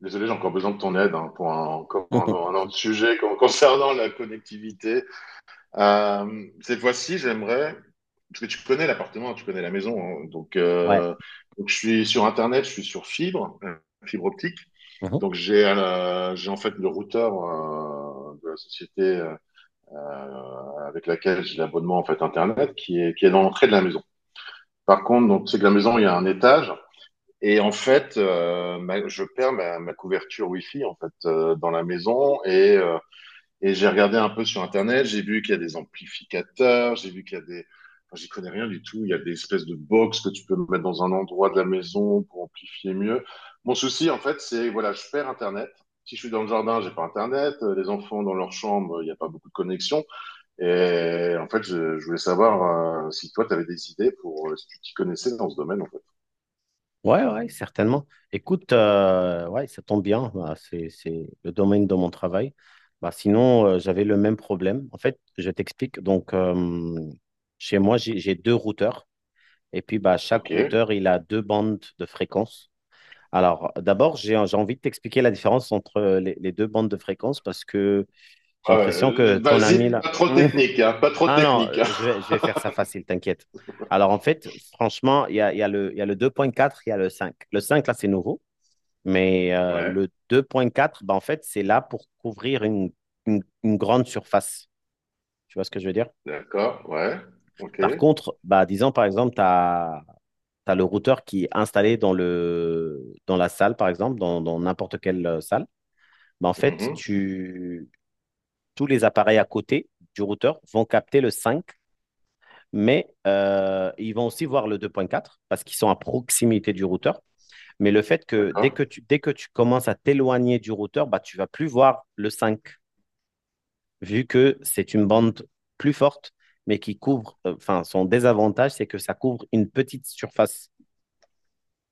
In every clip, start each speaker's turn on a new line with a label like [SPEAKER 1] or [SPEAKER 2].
[SPEAKER 1] Désolé, j'ai encore besoin de ton aide, hein, pour un, encore
[SPEAKER 2] Mhm.
[SPEAKER 1] un autre sujet concernant la connectivité. Cette fois-ci, j'aimerais, parce que tu connais l'appartement, tu connais la maison, hein,
[SPEAKER 2] Ouais.
[SPEAKER 1] donc je suis sur Internet, je suis sur fibre, fibre optique.
[SPEAKER 2] Mhm.
[SPEAKER 1] Donc j'ai en fait le routeur de la société avec laquelle j'ai l'abonnement en fait Internet qui est dans l'entrée de la maison. Par contre, donc c'est que la maison, il y a un étage. Et en fait, je perds ma couverture Wi-Fi en fait, dans la maison et et j'ai regardé un peu sur Internet. J'ai vu qu'il y a des amplificateurs, j'ai vu qu'il y a des, enfin, j'y connais rien du tout. Il y a des espèces de box que tu peux mettre dans un endroit de la maison pour amplifier mieux. Mon souci en fait, c'est voilà, je perds Internet. Si je suis dans le jardin, j'ai pas Internet. Les enfants dans leur chambre, il n'y a pas beaucoup de connexion. Et en fait, je voulais savoir si toi, tu avais des idées pour, si tu t'y connaissais dans ce domaine en fait.
[SPEAKER 2] Ouais, ouais, certainement. Écoute, ouais, ça tombe bien. Bah, c'est le domaine de mon travail. Bah, sinon, j'avais le même problème. En fait, je t'explique. Donc, chez moi, j'ai deux routeurs. Et puis, bah, chaque
[SPEAKER 1] Ok.
[SPEAKER 2] routeur, il a deux bandes de fréquences. Alors, d'abord, j'ai envie de t'expliquer la différence entre les deux bandes de fréquences parce que j'ai
[SPEAKER 1] Ouais,
[SPEAKER 2] l'impression que ton
[SPEAKER 1] vas-y,
[SPEAKER 2] ami là.
[SPEAKER 1] pas trop technique, hein, pas trop
[SPEAKER 2] Ah non,
[SPEAKER 1] technique. Hein.
[SPEAKER 2] je vais faire ça facile, t'inquiète. Alors en fait, franchement, il y a le, il y a le 2.4, il y a le 5. Le 5 là, c'est nouveau, mais
[SPEAKER 1] Ouais,
[SPEAKER 2] le deux point quatre, ben, en fait, c'est là pour couvrir une grande surface. Tu vois ce que je veux dire?
[SPEAKER 1] d'accord, ouais, ok,
[SPEAKER 2] Par contre, bah, disons par exemple, tu as le routeur qui est installé dans la salle, par exemple, dans n'importe quelle salle. Ben, en fait,
[SPEAKER 1] mhm,
[SPEAKER 2] tous les appareils à côté du routeur vont capter le 5. Mais ils vont aussi voir le deux point quatre parce qu'ils sont à proximité du routeur. Mais le fait que
[SPEAKER 1] d'accord,
[SPEAKER 2] dès que tu commences à t'éloigner du routeur, bah, tu ne vas plus voir le 5 vu que c'est une bande plus forte, mais qui couvre, enfin, enfin, son désavantage, c'est que ça couvre une petite surface,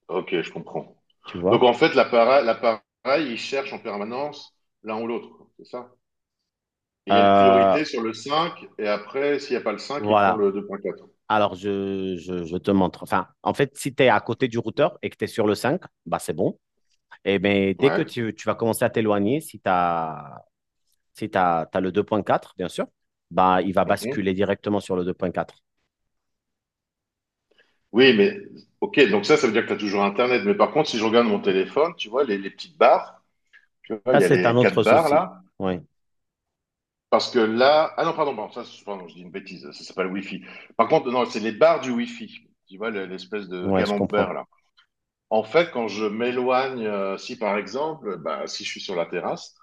[SPEAKER 1] ok, je comprends.
[SPEAKER 2] tu
[SPEAKER 1] Donc
[SPEAKER 2] vois.
[SPEAKER 1] en fait, l'appareil, il cherche en permanence l'un ou l'autre, c'est ça? Il y a une
[SPEAKER 2] Euh,
[SPEAKER 1] priorité sur le 5, et après, s'il n'y a pas le 5, il prend
[SPEAKER 2] voilà.
[SPEAKER 1] le 2.4.
[SPEAKER 2] Alors, te montre. Enfin, en fait, si tu es à côté du routeur et que tu es sur le 5, bah, c'est bon. Et bien,
[SPEAKER 1] Ouais,
[SPEAKER 2] tu vas commencer à t'éloigner, si tu as Si tu as, t'as le deux point quatre bien sûr, bah, il va
[SPEAKER 1] mhm.
[SPEAKER 2] basculer directement sur le deux point quatre.
[SPEAKER 1] Oui, mais ok, donc ça veut dire que tu as toujours Internet. Mais par contre, si je regarde mon téléphone, tu vois, les petites barres, tu vois, il
[SPEAKER 2] Ça,
[SPEAKER 1] y a
[SPEAKER 2] c'est un
[SPEAKER 1] les quatre
[SPEAKER 2] autre
[SPEAKER 1] barres
[SPEAKER 2] souci.
[SPEAKER 1] là.
[SPEAKER 2] Oui,
[SPEAKER 1] Parce que là, ah non, pardon, pardon, ça, c'est- pardon, je dis une bêtise, ça s'appelle Wi-Fi. Par contre, non, c'est les barres du Wi-Fi. Tu vois, le- l'espèce de
[SPEAKER 2] ouais, je comprends.
[SPEAKER 1] camembert, là. En fait, quand je m'éloigne, si par exemple, bah, si je suis sur la terrasse,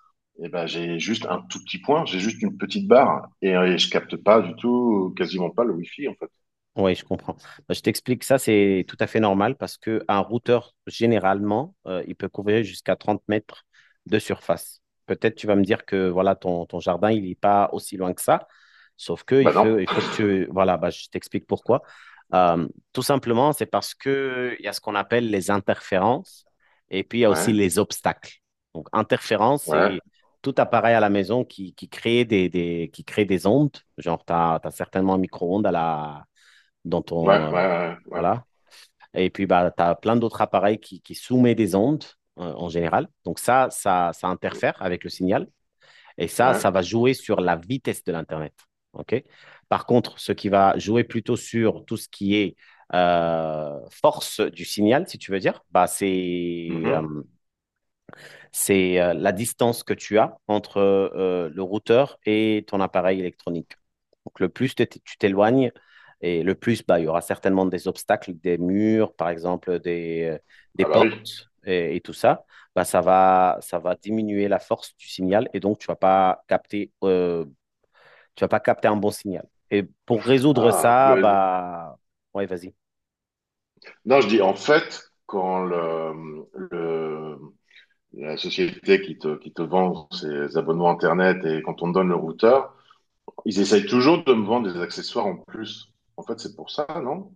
[SPEAKER 1] eh ben, j'ai juste un tout petit point, j'ai juste une petite barre et et je capte pas du tout, quasiment pas le Wi-Fi, en fait.
[SPEAKER 2] Oui, je comprends. Bah, je t'explique, ça c'est tout à fait normal parce que un routeur, généralement, il peut couvrir jusqu'à 30 mètres de surface. Peut-être tu vas me dire que voilà, ton jardin, il n'est pas aussi loin que ça, sauf que
[SPEAKER 1] Bah non.
[SPEAKER 2] il faut que tu. Voilà, bah, je t'explique pourquoi. Euh, Tout simplement, c'est parce que il y a ce qu'on appelle les interférences et puis il y a aussi
[SPEAKER 1] Ouais,
[SPEAKER 2] les obstacles. Donc, interférence,
[SPEAKER 1] ouais,
[SPEAKER 2] c'est tout appareil à la maison qui crée des ondes. Genre, tu as certainement un micro-ondes à la dans
[SPEAKER 1] ouais,
[SPEAKER 2] ton,
[SPEAKER 1] ouais, ouais,
[SPEAKER 2] voilà. Et puis, bah, tu as plein d'autres appareils qui soumettent des ondes en général. Donc ça
[SPEAKER 1] ouais.
[SPEAKER 2] interfère avec le signal. Et ça
[SPEAKER 1] Ouais.
[SPEAKER 2] va jouer sur la vitesse de l'Internet. OK? Par contre, ce qui va jouer plutôt sur tout ce qui est force du signal, si tu veux dire, bah,
[SPEAKER 1] Mhm.
[SPEAKER 2] c'est la distance que tu as entre le routeur et ton appareil électronique. Donc, le plus tu t'éloignes, et le plus, bah, il y aura certainement des obstacles, des murs, par exemple, des
[SPEAKER 1] Ah bah oui.
[SPEAKER 2] portes et tout ça. Bah, ça va diminuer la force du signal et donc tu vas pas capter un bon signal. Et pour résoudre
[SPEAKER 1] Ah,
[SPEAKER 2] ça,
[SPEAKER 1] mais-
[SPEAKER 2] bah, ouais, vas-y.
[SPEAKER 1] non, je dis en fait, quand la société qui te vend ses abonnements Internet et quand on me donne le routeur, ils essayent toujours de me vendre des accessoires en plus. En fait, c'est pour ça, non?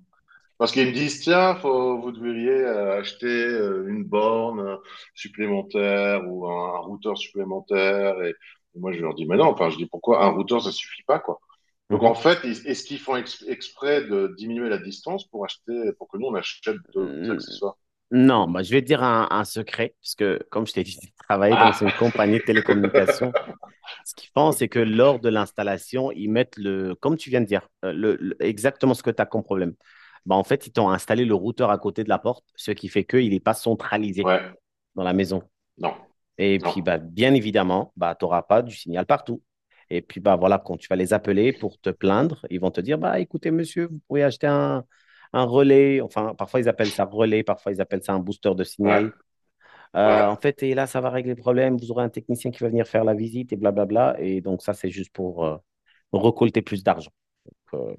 [SPEAKER 1] Parce qu'ils me disent, tiens, faut, vous devriez acheter une borne supplémentaire ou un routeur supplémentaire. Et moi, je leur dis, mais non, enfin, je dis, pourquoi un routeur, ça suffit pas, quoi. Donc, en fait, ils- est-ce qu'ils font exprès de diminuer la distance pour acheter, pour que nous, on achète d'autres
[SPEAKER 2] Mhm.
[SPEAKER 1] accessoires?
[SPEAKER 2] Non, bah, je vais te dire un secret, puisque comme je t'ai dit, j'ai travaillé dans une
[SPEAKER 1] Ah,
[SPEAKER 2] compagnie de télécommunications. Ce qu'ils font, c'est que lors de l'installation, comme tu viens de dire, exactement ce que tu as comme problème. Bah, en fait, ils t'ont installé le routeur à côté de la porte, ce qui fait qu'il n'est pas centralisé
[SPEAKER 1] ouais,
[SPEAKER 2] dans la maison.
[SPEAKER 1] non,
[SPEAKER 2] Et
[SPEAKER 1] non,
[SPEAKER 2] puis, bah, bien évidemment, bah, tu n'auras pas du signal partout. Et puis, bah, voilà, quand tu vas les appeler pour te plaindre, ils vont te dire, bah, écoutez, monsieur, vous pourriez acheter un relais. Enfin, parfois, ils appellent ça relais, parfois, ils appellent ça un booster de
[SPEAKER 1] ouais,
[SPEAKER 2] signal.
[SPEAKER 1] ouais.
[SPEAKER 2] En fait, et là, ça va régler le problème. Vous aurez un technicien qui va venir faire la visite et blablabla. Et donc, ça, c'est juste pour récolter plus d'argent. euh,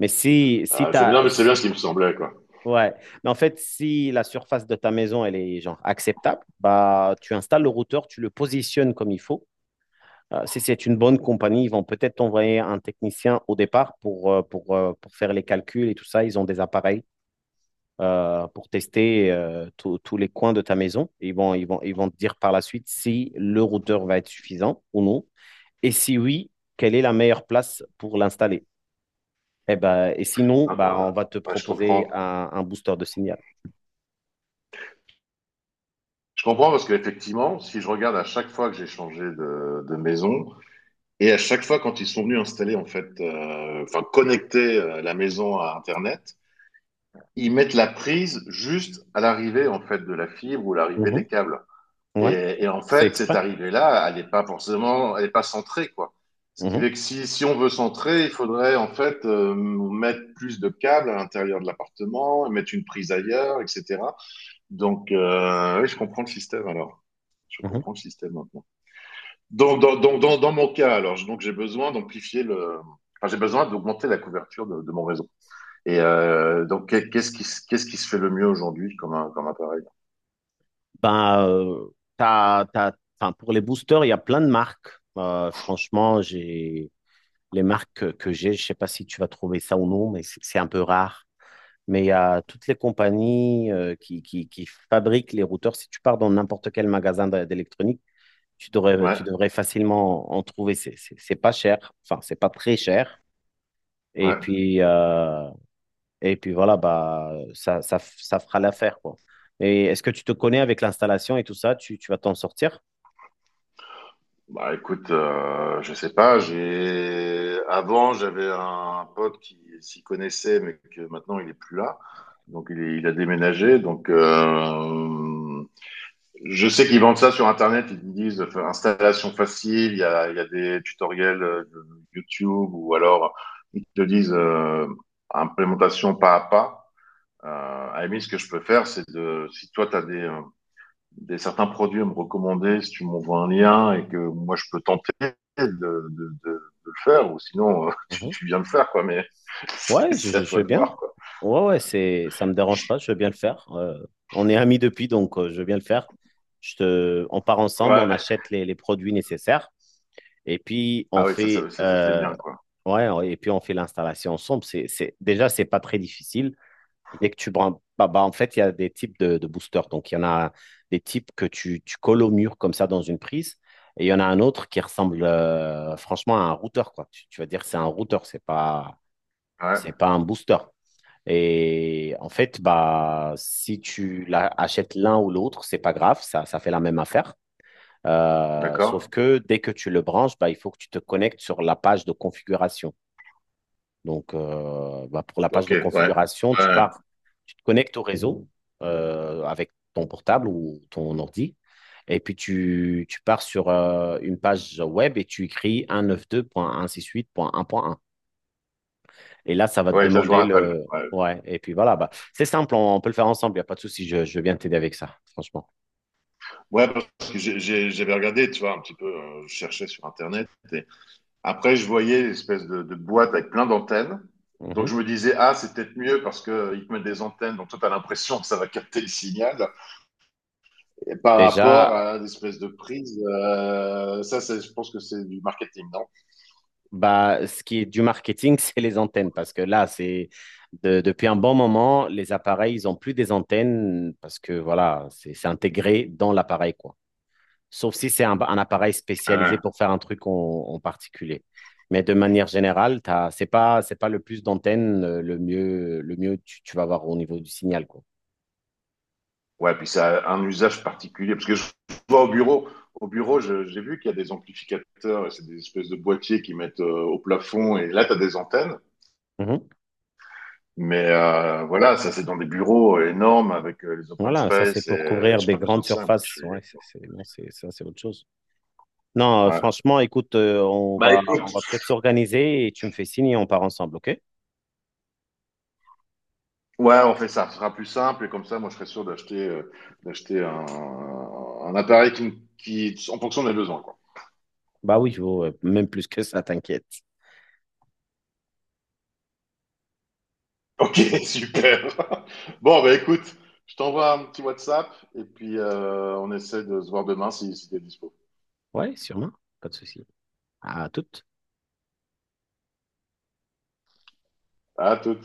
[SPEAKER 2] mais si, si
[SPEAKER 1] C'est- non,
[SPEAKER 2] t'as,
[SPEAKER 1] mais c'est bien ce qui me semblait, quoi.
[SPEAKER 2] ouais, mais en fait, si la surface de ta maison, elle est genre acceptable, bah, tu installes le routeur, tu le positionnes comme il faut. Si c'est une bonne compagnie, ils vont peut-être t'envoyer un technicien au départ pour faire les calculs et tout ça. Ils ont des appareils pour tester tous les coins de ta maison. Ils vont te dire par la suite si le routeur va être suffisant ou non. Et si oui, quelle est la meilleure place pour l'installer? Et, ben, sinon,
[SPEAKER 1] Hein,
[SPEAKER 2] bah, on va te
[SPEAKER 1] ouais, je
[SPEAKER 2] proposer
[SPEAKER 1] comprends.
[SPEAKER 2] un booster de signal.
[SPEAKER 1] Je comprends parce qu'effectivement, si je regarde à chaque fois que j'ai changé de maison et à chaque fois quand ils sont venus installer, en fait, enfin, connecter la maison à Internet, ils mettent la prise juste à l'arrivée, en fait, de la fibre ou l'arrivée des
[SPEAKER 2] Mhm.
[SPEAKER 1] câbles.
[SPEAKER 2] Ouais,
[SPEAKER 1] Et en
[SPEAKER 2] c'est
[SPEAKER 1] fait, cette
[SPEAKER 2] exprès.
[SPEAKER 1] arrivée-là, elle n'est pas forcément, elle n'est pas centrée, quoi. Ce qui fait
[SPEAKER 2] Mhm.
[SPEAKER 1] que si, si on veut centrer, il faudrait en fait mettre plus de câbles à l'intérieur de l'appartement, mettre une prise ailleurs, etc. Donc, oui, je comprends le système alors. Je
[SPEAKER 2] Mhm.
[SPEAKER 1] comprends le système maintenant. Dans mon cas, alors, je- donc j'ai besoin d'amplifier le. Enfin, j'ai besoin d'augmenter la couverture de mon réseau. Et donc, qu'est-ce qui, qu'est-ce qui se fait le mieux aujourd'hui comme, comme appareil?
[SPEAKER 2] Ben, t'as- t'as- enfin, pour les boosters, il y a plein de marques. Franchement, j'ai les marques que j'ai, je sais pas si tu vas trouver ça ou non, mais c'est un peu rare. Mais il y a toutes les compagnies qui fabriquent les routeurs. Si tu pars dans n'importe quel magasin d'électronique,
[SPEAKER 1] Ouais,
[SPEAKER 2] tu devrais facilement en trouver. C'est pas cher, enfin, c'est pas très cher. Et
[SPEAKER 1] ouais.
[SPEAKER 2] puis, euh, et puis voilà, bah, ça fera l'affaire, quoi. Et est-ce que tu te connais avec l'installation et tout ça? Tu vas t'en sortir?
[SPEAKER 1] Bah écoute, je sais pas. J'avais un pote qui s'y connaissait, mais que maintenant il est plus là. Donc il a déménagé. Donc je sais qu'ils vendent ça sur Internet, ils disent enfin, installation facile, il y a des tutoriels de YouTube ou alors ils te disent implémentation pas à pas. Euh, à la limite, ce que je peux faire, c'est de, si toi, tu as des certains produits à me recommander, si tu m'envoies un lien et que moi, je peux tenter de le faire, ou sinon, tu,
[SPEAKER 2] Mhm.
[SPEAKER 1] tu viens le faire, quoi, mais c'est
[SPEAKER 2] Ouais,
[SPEAKER 1] c'est à
[SPEAKER 2] je
[SPEAKER 1] toi
[SPEAKER 2] veux
[SPEAKER 1] de
[SPEAKER 2] bien.
[SPEAKER 1] voir, quoi.
[SPEAKER 2] Ouais, ouais, ça me dérange pas, je veux bien le faire. On est amis depuis, donc je veux bien le faire. On part ensemble, on
[SPEAKER 1] Ouais.
[SPEAKER 2] achète les produits nécessaires et puis
[SPEAKER 1] Ah oui, ça, c'est bien, quoi.
[SPEAKER 2] ouais, et puis on fait l'installation ensemble. Déjà, c'est pas très difficile. Dès que tu branches, bah, en fait, il y a des types de boosters. Donc, il y en a des types que tu colles au mur comme ça dans une prise. Et il y en a un autre qui ressemble franchement à un routeur, quoi. Tu vas dire c'est un routeur, c'est
[SPEAKER 1] Ouais,
[SPEAKER 2] pas un booster. Et en fait, bah, si tu achètes l'un ou l'autre, c'est pas grave, ça fait la même affaire. Sauf
[SPEAKER 1] d'accord.
[SPEAKER 2] que dès que tu le branches, bah, il faut que tu te connectes sur la page de configuration. Donc, bah, pour la page
[SPEAKER 1] Ok,
[SPEAKER 2] de
[SPEAKER 1] ouais.
[SPEAKER 2] configuration,
[SPEAKER 1] Ouais.
[SPEAKER 2] tu te connectes au réseau avec ton portable ou ton ordi. Et puis, tu pars sur une page web et tu écris 192.168.1.1. Et là, ça va te
[SPEAKER 1] Ouais, ça je me
[SPEAKER 2] demander
[SPEAKER 1] rappelle.
[SPEAKER 2] le.
[SPEAKER 1] Ouais,
[SPEAKER 2] Ouais, et puis voilà, bah, c'est simple, on peut le faire ensemble, il n'y a pas de souci, je viens t'aider avec ça, franchement.
[SPEAKER 1] ouais, parce que j'avais regardé, tu vois, un petit peu, je cherchais sur Internet. Et après, je voyais l'espèce de boîte avec plein d'antennes. Donc
[SPEAKER 2] Mhm.
[SPEAKER 1] je me disais, ah, c'est peut-être mieux parce que ils te mettent des antennes, donc toi, tu as l'impression que ça va capter le signal. Et par rapport
[SPEAKER 2] Déjà,
[SPEAKER 1] à l'espèce de prise, ça, c'est- je pense que c'est du marketing, non?
[SPEAKER 2] bah, ce qui est du marketing, c'est les antennes, parce que là, c'est depuis un bon moment, les appareils, ils ont plus des antennes, parce que voilà, c'est intégré dans l'appareil, quoi. Sauf si c'est un appareil spécialisé
[SPEAKER 1] Ouais,
[SPEAKER 2] pour faire un truc en particulier. Mais de manière générale, c'est pas le plus d'antennes, le mieux tu vas avoir au niveau du signal, quoi.
[SPEAKER 1] ouais, puis ça a un usage particulier. Parce que je vois au bureau, j'ai vu qu'il y a des amplificateurs, et c'est des espèces de boîtiers qui mettent au plafond, et là, tu as des antennes.
[SPEAKER 2] Mhm.
[SPEAKER 1] Mais voilà, ça c'est dans des bureaux énormes avec les open
[SPEAKER 2] Voilà, ça c'est
[SPEAKER 1] space et
[SPEAKER 2] pour couvrir
[SPEAKER 1] j'ai
[SPEAKER 2] des
[SPEAKER 1] pas besoin
[SPEAKER 2] grandes
[SPEAKER 1] de ça, moi. Je
[SPEAKER 2] surfaces.
[SPEAKER 1] suis...
[SPEAKER 2] Ouais, bon, ça c'est autre chose. Non,
[SPEAKER 1] ouais.
[SPEAKER 2] franchement, écoute, on
[SPEAKER 1] Bah
[SPEAKER 2] va, on
[SPEAKER 1] écoute,
[SPEAKER 2] va peut-être s'organiser et tu me fais signe et on part ensemble, ok?
[SPEAKER 1] ouais, on fait ça, ce sera plus simple et comme ça, moi je serai sûr d'acheter d'acheter un appareil qui en fonction des besoins, quoi.
[SPEAKER 2] Bah oui, même plus que ça, t'inquiète.
[SPEAKER 1] Ok, super. Bon, bah écoute, je t'envoie un petit WhatsApp et puis on essaie de se voir demain si, si t'es dispo.
[SPEAKER 2] Ouais, sûrement, pas de souci. À toute.
[SPEAKER 1] À tout.